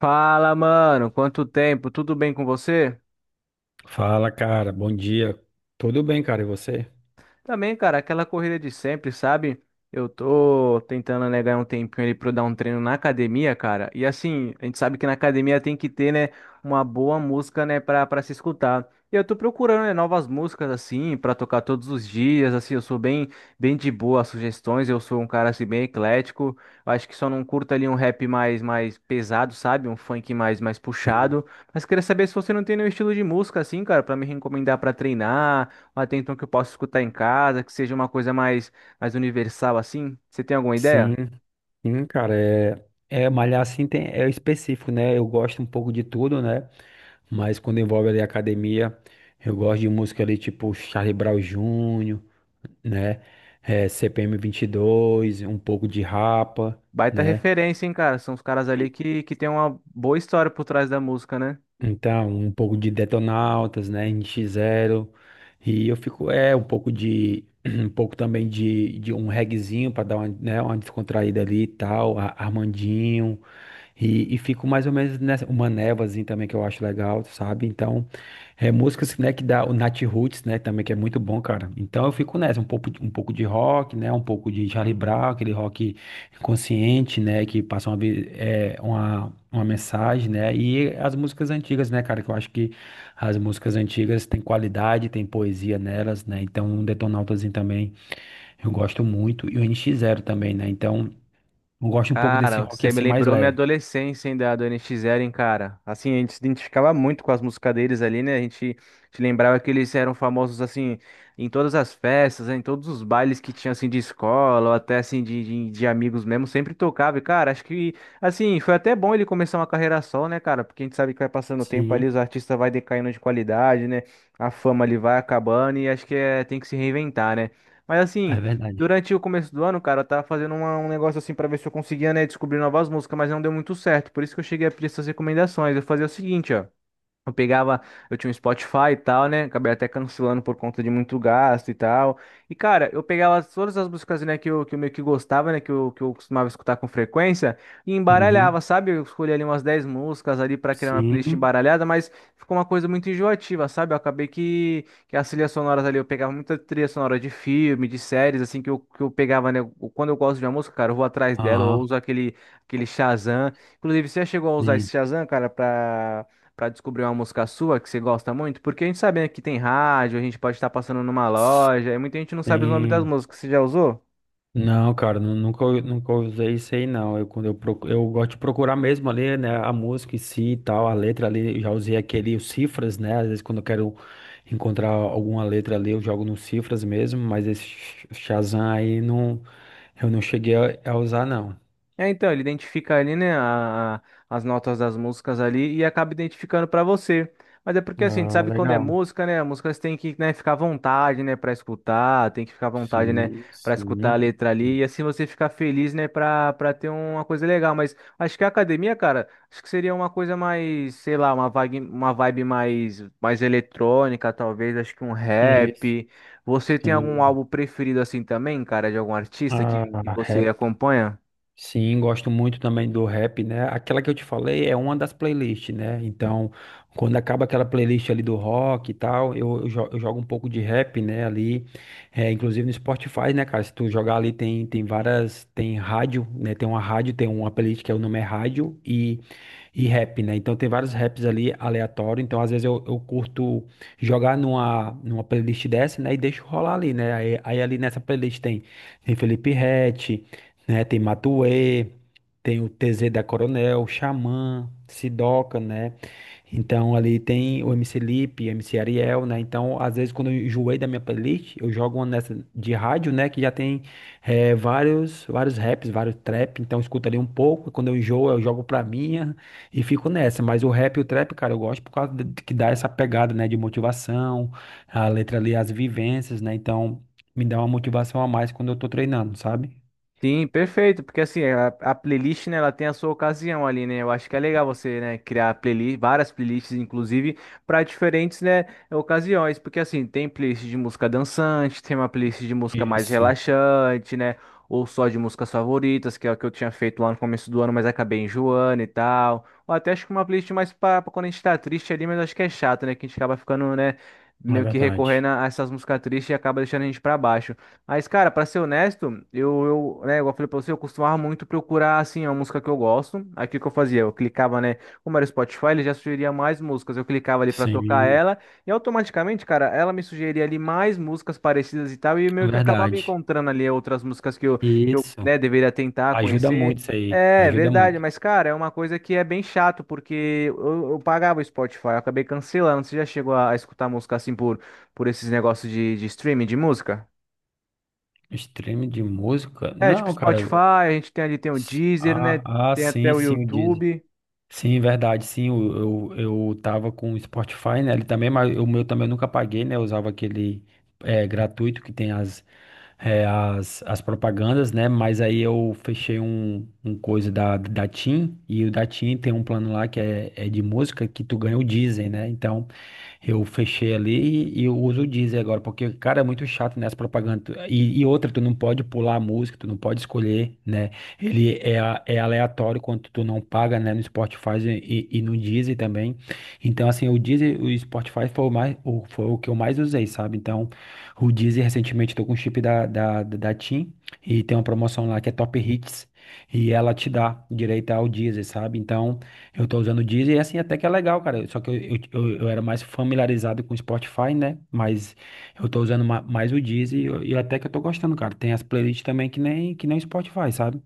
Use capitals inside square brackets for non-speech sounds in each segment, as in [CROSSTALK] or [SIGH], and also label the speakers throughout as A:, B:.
A: Fala, mano, quanto tempo? Tudo bem com você?
B: Fala, cara. Bom dia. Tudo bem, cara? E você?
A: Também, cara, aquela corrida de sempre, sabe? Eu tô tentando, né, ganhar um tempinho ali pra eu dar um treino na academia, cara. E assim, a gente sabe que na academia tem que ter, né, uma boa música, né, pra se escutar. E eu tô procurando, né, novas músicas, assim, pra tocar todos os dias, assim, eu sou bem, bem de boa às sugestões, eu sou um cara, assim, bem eclético. Eu acho que só não curto ali um rap mais pesado, sabe? Um funk mais
B: Sim.
A: puxado. Mas queria saber se você não tem nenhum estilo de música, assim, cara, pra me recomendar pra treinar mas tem então que eu possa escutar em casa, que seja uma coisa mais, universal assim? Você tem alguma
B: Sim,
A: ideia?
B: sim, cara. É, é malhar assim tem, é específico, né? Eu gosto um pouco de tudo, né? Mas quando envolve ali academia, eu gosto de música ali tipo Charlie Brown Jr., né? É, CPM 22, um pouco de Rapa,
A: Baita
B: né?
A: referência, hein, cara? São os caras ali que tem uma boa história por trás da música, né?
B: Então, um pouco de Detonautas, né, NX Zero e eu fico, um pouco [CLEARS THROAT] um pouco também de um reguezinho para dar uma, né, uma descontraída ali e tal, Armandinho, e fico mais ou menos nessa, uma névoazinha também que eu acho legal, sabe? Então, é músicas, né, que dá o Nat Roots, né, também que é muito bom, cara. Então eu fico nessa, um pouco, um pouco de rock, né, um pouco de Charlie Brown, aquele rock consciente, né, que passa uma, uma mensagem, né, e as músicas antigas, né, cara, que eu acho que as músicas antigas têm qualidade, tem poesia nelas, né, então um Detonautaszinho também eu gosto muito, e o NX Zero também, né, então eu gosto um pouco desse
A: Cara,
B: rock
A: você me
B: assim mais
A: lembrou minha
B: leve.
A: adolescência, hein, da do NX Zero, hein, cara. Assim, a gente se identificava muito com as músicas deles ali, né? A gente se lembrava que eles eram famosos, assim, em todas as festas, né, em todos os bailes que tinha, assim, de escola, ou até, assim, de amigos mesmo, sempre tocava. E, cara, acho que, assim, foi até bom ele começar uma carreira só, né, cara? Porque a gente sabe que vai passando o tempo ali,
B: Sim.
A: os artistas vai decaindo de qualidade, né? A fama ali vai acabando e acho que é, tem que se reinventar, né? Mas,
B: É
A: assim.
B: verdade.
A: Durante o começo do ano, cara, eu tava fazendo um negócio assim pra ver se eu conseguia, né, descobrir novas músicas, mas não deu muito certo. Por isso que eu cheguei a pedir essas recomendações. Eu fazia o seguinte, ó. Eu pegava, eu tinha um Spotify e tal, né? Acabei até cancelando por conta de muito gasto e tal. E, cara, eu pegava todas as músicas, né, que eu meio que gostava, né, que eu costumava escutar com frequência e
B: Uhum.
A: embaralhava, sabe? Eu escolhi ali umas 10 músicas ali pra criar uma playlist
B: Sim.
A: embaralhada, mas ficou uma coisa muito enjoativa, sabe? Eu acabei que as trilhas sonoras ali, eu pegava muita trilha sonora de filme, de séries, assim, que eu pegava, né? Quando eu gosto de uma música, cara, eu vou atrás dela, eu
B: Aham.
A: uso aquele Shazam. Inclusive, você já chegou a usar esse
B: Sim.
A: Shazam, cara, pra para descobrir uma música sua que você gosta muito? Porque a gente sabe, né, que tem rádio, a gente pode estar passando numa loja, e muita gente não sabe os nomes das
B: Sim.
A: músicas. Você já usou?
B: Não, cara, nunca, nunca usei isso aí, não. Eu, eu gosto de procurar mesmo ali, né, a música em si e tal, a letra ali, eu já usei aquele, os cifras, né, às vezes quando eu quero encontrar alguma letra ali, eu jogo nos cifras mesmo, mas esse Shazam aí, não, eu não cheguei a usar, não.
A: É, então, ele identifica ali, né, as notas das músicas ali e acaba identificando pra você. Mas é porque assim, a gente
B: Ah,
A: sabe quando é
B: legal.
A: música, né? A música você tem que, né, ficar à vontade, né, para escutar, tem que ficar à vontade, né,
B: Sim,
A: para escutar a
B: sim.
A: letra ali e assim você ficar feliz, né, para ter uma coisa legal, mas acho que a academia, cara, acho que seria uma coisa mais, sei lá, uma vibe mais eletrônica, talvez, acho que um
B: Isso.
A: rap. Você tem algum
B: Sim.
A: álbum preferido assim também, cara, de algum artista que,
B: Ah,
A: que você acompanha?
B: sim, gosto muito também do rap, né? Aquela que eu te falei é uma das playlists, né? Então, quando acaba aquela playlist ali do rock e tal, eu jogo um pouco de rap, né? Ali, é, inclusive no Spotify, né, cara? Se tu jogar ali, tem, tem várias. Tem rádio, né? Tem uma rádio, tem uma playlist que é o nome é Rádio, e rap, né? Então tem vários raps ali aleatório. Então às vezes eu curto jogar numa, numa playlist dessa, né? E deixo rolar ali, né? Aí ali nessa playlist tem, tem Felipe Ret, né? Tem Matuê, tem o TZ da Coronel, Xamã, Sidoca, né? Então ali tem o MC Lipe, MC Ariel, né? Então às vezes quando eu enjoei da minha playlist, eu jogo uma nessa de rádio, né? Que já tem vários, vários raps, vários trap. Então eu escuto ali um pouco. Quando eu enjoo, eu jogo pra minha e fico nessa, mas o rap e o trap, cara, eu gosto por causa que dá essa pegada, né, de motivação, a letra ali, as vivências, né? Então, me dá uma motivação a mais quando eu tô treinando, sabe?
A: Sim, perfeito, porque assim, a playlist, né, ela tem a sua ocasião ali, né? Eu acho que é legal você, né, criar playlist, várias playlists, inclusive, para diferentes, né, ocasiões, porque assim, tem playlist de música dançante, tem uma playlist de música mais
B: Isso,
A: relaxante, né, ou só de músicas favoritas, que é o que eu tinha feito lá no começo do ano, mas acabei enjoando e tal. Ou até acho que uma playlist mais para quando a gente tá triste ali, mas acho que é chato, né, que a gente acaba ficando, né,
B: é
A: meio que
B: verdade.
A: recorrendo a essas músicas tristes e acaba deixando a gente para baixo. Mas, cara, pra ser honesto, né, igual eu falei pra você, eu costumava muito procurar, assim, a música que eu gosto. Aí o que que eu fazia? Eu clicava, né? Como era o Spotify, ele já sugeria mais músicas. Eu clicava ali pra tocar
B: Sim,
A: ela e automaticamente, cara, ela me sugeria ali mais músicas parecidas e tal. E meio que eu acabava
B: verdade.
A: encontrando ali outras músicas que eu,
B: Isso.
A: né, deveria tentar
B: Ajuda
A: conhecer.
B: muito isso aí,
A: É,
B: ajuda
A: verdade,
B: muito.
A: mas, cara, é uma coisa que é bem chato, porque eu pagava o Spotify, eu acabei cancelando. Você já chegou a, escutar música assim por esses negócios de streaming de música?
B: Stream de música?
A: É, tipo
B: Não, cara.
A: Spotify, a gente tem ali tem o Deezer, né?
B: Ah, ah,
A: Tem até
B: sim,
A: o
B: sim, o Deezer.
A: YouTube.
B: Sim, verdade, sim, eu tava com o Spotify, né, ele também, mas o meu também eu nunca paguei, né, eu usava aquele é, gratuito que tem as, as propagandas, né, mas aí eu fechei um, um coisa da TIM, e o da TIM tem um plano lá que é, é de música que tu ganha o Deezer, né, então eu fechei ali e eu uso o Deezer agora, porque, cara, é muito chato, né, as propagandas. E outra, tu não pode pular a música, tu não pode escolher, né? Ele é, é aleatório quando tu não paga, né, no Spotify e no Deezer também. Então, assim, o Deezer, o Spotify foi o mais, o, foi o que eu mais usei, sabe? Então, o Deezer, recentemente, tô com o chip da TIM e tem uma promoção lá que é Top Hits e ela te dá direito ao Deezer, sabe? Então, eu tô usando o Deezer e assim até que é legal, cara. Só que eu era mais familiarizado com o Spotify, né? Mas eu tô usando mais o Deezer e até que eu tô gostando, cara. Tem as playlists também que nem o Spotify, sabe?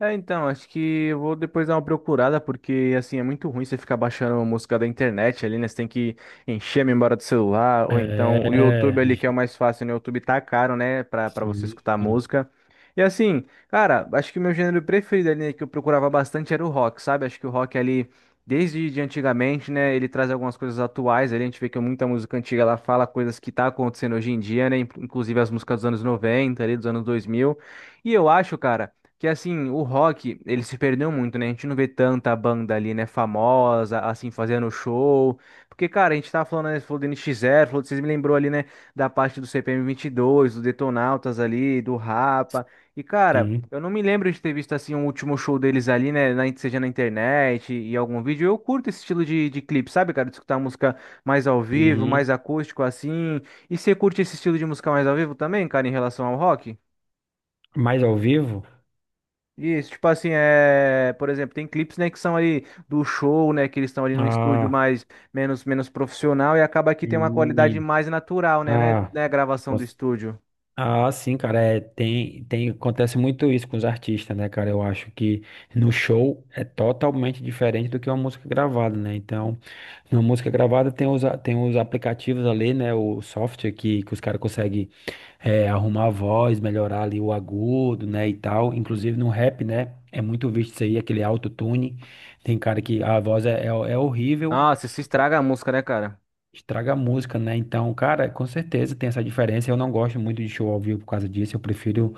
A: É, então, acho que eu vou depois dar uma procurada, porque assim é muito ruim você ficar baixando uma música da internet ali, né? Você tem que encher a memória do celular, ou então o
B: É,
A: YouTube ali, que é o mais fácil, né? O YouTube tá caro, né? Pra você
B: sim,
A: escutar música. E assim, cara, acho que o meu gênero preferido ali, né, que eu procurava bastante era o rock, sabe? Acho que o rock ali, desde de antigamente, né? Ele traz algumas coisas atuais ali, a gente vê que muita música antiga ela fala coisas que tá acontecendo hoje em dia, né? Inclusive as músicas dos anos 90 ali, dos anos 2000. E eu acho, cara. Que assim, o rock, ele se perdeu muito, né? A gente não vê tanta banda ali, né, famosa, assim, fazendo show. Porque, cara, a gente tava falando, né, falou do NX Zero, falou, vocês me lembrou ali, né, da parte do CPM 22 do Detonautas ali, do Rapa. E, cara,
B: sim.
A: eu não me lembro de ter visto, assim, um último show deles ali, né, na, seja na internet e algum vídeo. Eu curto esse estilo de clipe, sabe, cara? De escutar música mais ao vivo,
B: Uhum.
A: mais acústico, assim. E você curte esse estilo de música mais ao vivo também, cara, em relação ao rock?
B: Mas ao vivo?
A: Isso, tipo assim, é, por exemplo, tem clipes, né, que são ali do show, né, que eles estão ali no estúdio
B: Ah,
A: mais menos profissional e acaba que tem uma qualidade
B: sim.
A: mais natural, né, né,
B: Ah,
A: né, a gravação do
B: posso-
A: estúdio.
B: ah, sim, cara. É, tem, tem, acontece muito isso com os artistas, né, cara? Eu acho que no show é totalmente diferente do que uma música gravada, né? Então. Na música gravada tem os, tem os aplicativos ali, né? O software que os caras conseguem arrumar a voz, melhorar ali o agudo, né? E tal. Inclusive no rap, né? É muito visto isso aí, aquele autotune. Tem cara que a voz é, é horrível,
A: Nossa, se estraga a música, né, cara?
B: estraga a música, né? Então, cara, com certeza tem essa diferença. Eu não gosto muito de show ao vivo por causa disso. Eu prefiro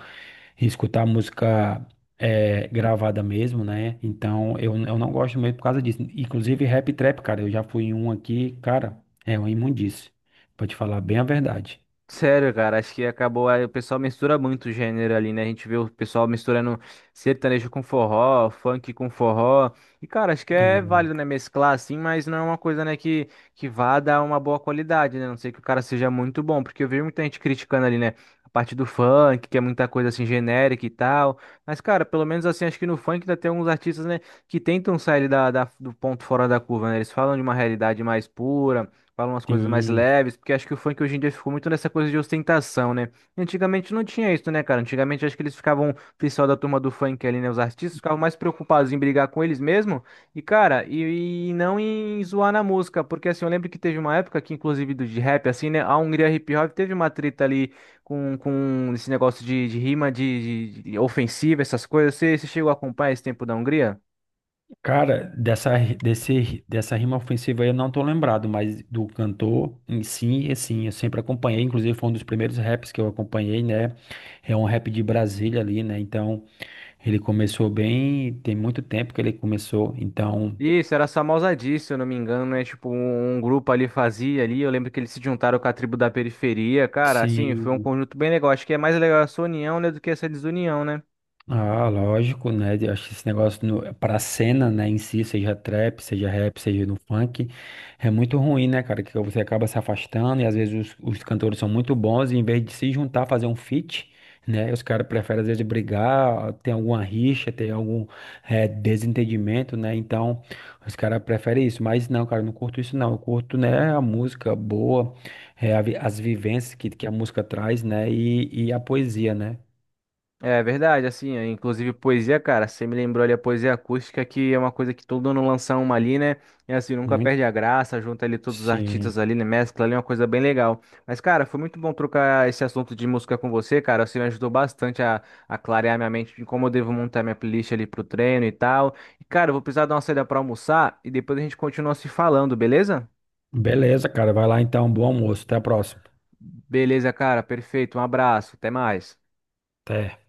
B: e escutar música é, gravada mesmo, né? Então eu não gosto mesmo por causa disso. Inclusive rap e trap, cara, eu já fui em um aqui, cara, é uma imundice, pra te falar bem a verdade.
A: Sério, cara, acho que acabou. Aí o pessoal mistura muito o gênero ali, né? A gente vê o pessoal misturando sertanejo com forró, funk com forró. E, cara, acho que é válido,
B: É,
A: né? Mesclar assim, mas não é uma coisa, né? Que vá dar uma boa qualidade, né? A não sei que o cara seja muito bom, porque eu vi muita gente criticando ali, né? A parte do funk, que é muita coisa assim genérica e tal. Mas, cara, pelo menos assim, acho que no funk ainda tem alguns artistas, né? Que tentam sair da, do ponto fora da curva, né? Eles falam de uma realidade mais pura. Fala umas coisas mais
B: sim,
A: leves, porque acho que o funk hoje em dia ficou muito nessa coisa de ostentação, né? E antigamente não tinha isso, né, cara? Antigamente acho que eles ficavam, o pessoal da turma do funk ali, né? Os artistas ficavam mais preocupados em brigar com eles mesmo e, cara, e não em zoar na música, porque assim, eu lembro que teve uma época que, inclusive, do de rap, assim, né? A Hungria Hip Hop teve uma treta ali com esse negócio de rima, de, de ofensiva, essas coisas. Você, você chegou a acompanhar esse tempo da Hungria?
B: cara, dessa rima ofensiva aí eu não tô lembrado, mas do cantor em si, assim, eu sempre acompanhei, inclusive foi um dos primeiros raps que eu acompanhei, né? É um rap de Brasília ali, né? Então, ele começou bem, tem muito tempo que ele começou, então,
A: Isso, era só Mausadi, se eu não me engano, né? Tipo, um grupo ali fazia ali. Eu lembro que eles se juntaram com a tribo da periferia. Cara, assim, foi um
B: sim.
A: conjunto bem legal. Acho que é mais legal essa união, né, do que essa desunião, né?
B: Ah, lógico, né? Eu acho que esse negócio no, pra cena, né, em si, seja trap, seja rap, seja no funk, é muito ruim, né, cara? Que você acaba se afastando e às vezes os cantores são muito bons e em vez de se juntar, fazer um feat, né? Os caras preferem às vezes brigar, ter alguma rixa, ter algum desentendimento, né? Então, os caras preferem isso. Mas não, cara, eu não curto isso, não. Eu curto, né, a música boa, as vivências que a música traz, né? E a poesia, né?
A: É verdade, assim, é, inclusive poesia, cara, você me lembrou ali a poesia acústica, que é uma coisa que todo ano lança uma ali, né? E assim, nunca
B: Muito.
A: perde a graça, junta ali todos os
B: Sim.
A: artistas ali, né? Mescla ali, é uma coisa bem legal. Mas, cara, foi muito bom trocar esse assunto de música com você, cara. Você me ajudou bastante a, clarear minha mente de como eu devo montar minha playlist ali pro treino e tal. E, cara, eu vou precisar dar uma saída pra almoçar e depois a gente continua se falando, beleza?
B: Beleza, cara. Vai lá então. Bom almoço. Até a próxima.
A: Beleza, cara, perfeito. Um abraço, até mais.
B: Até.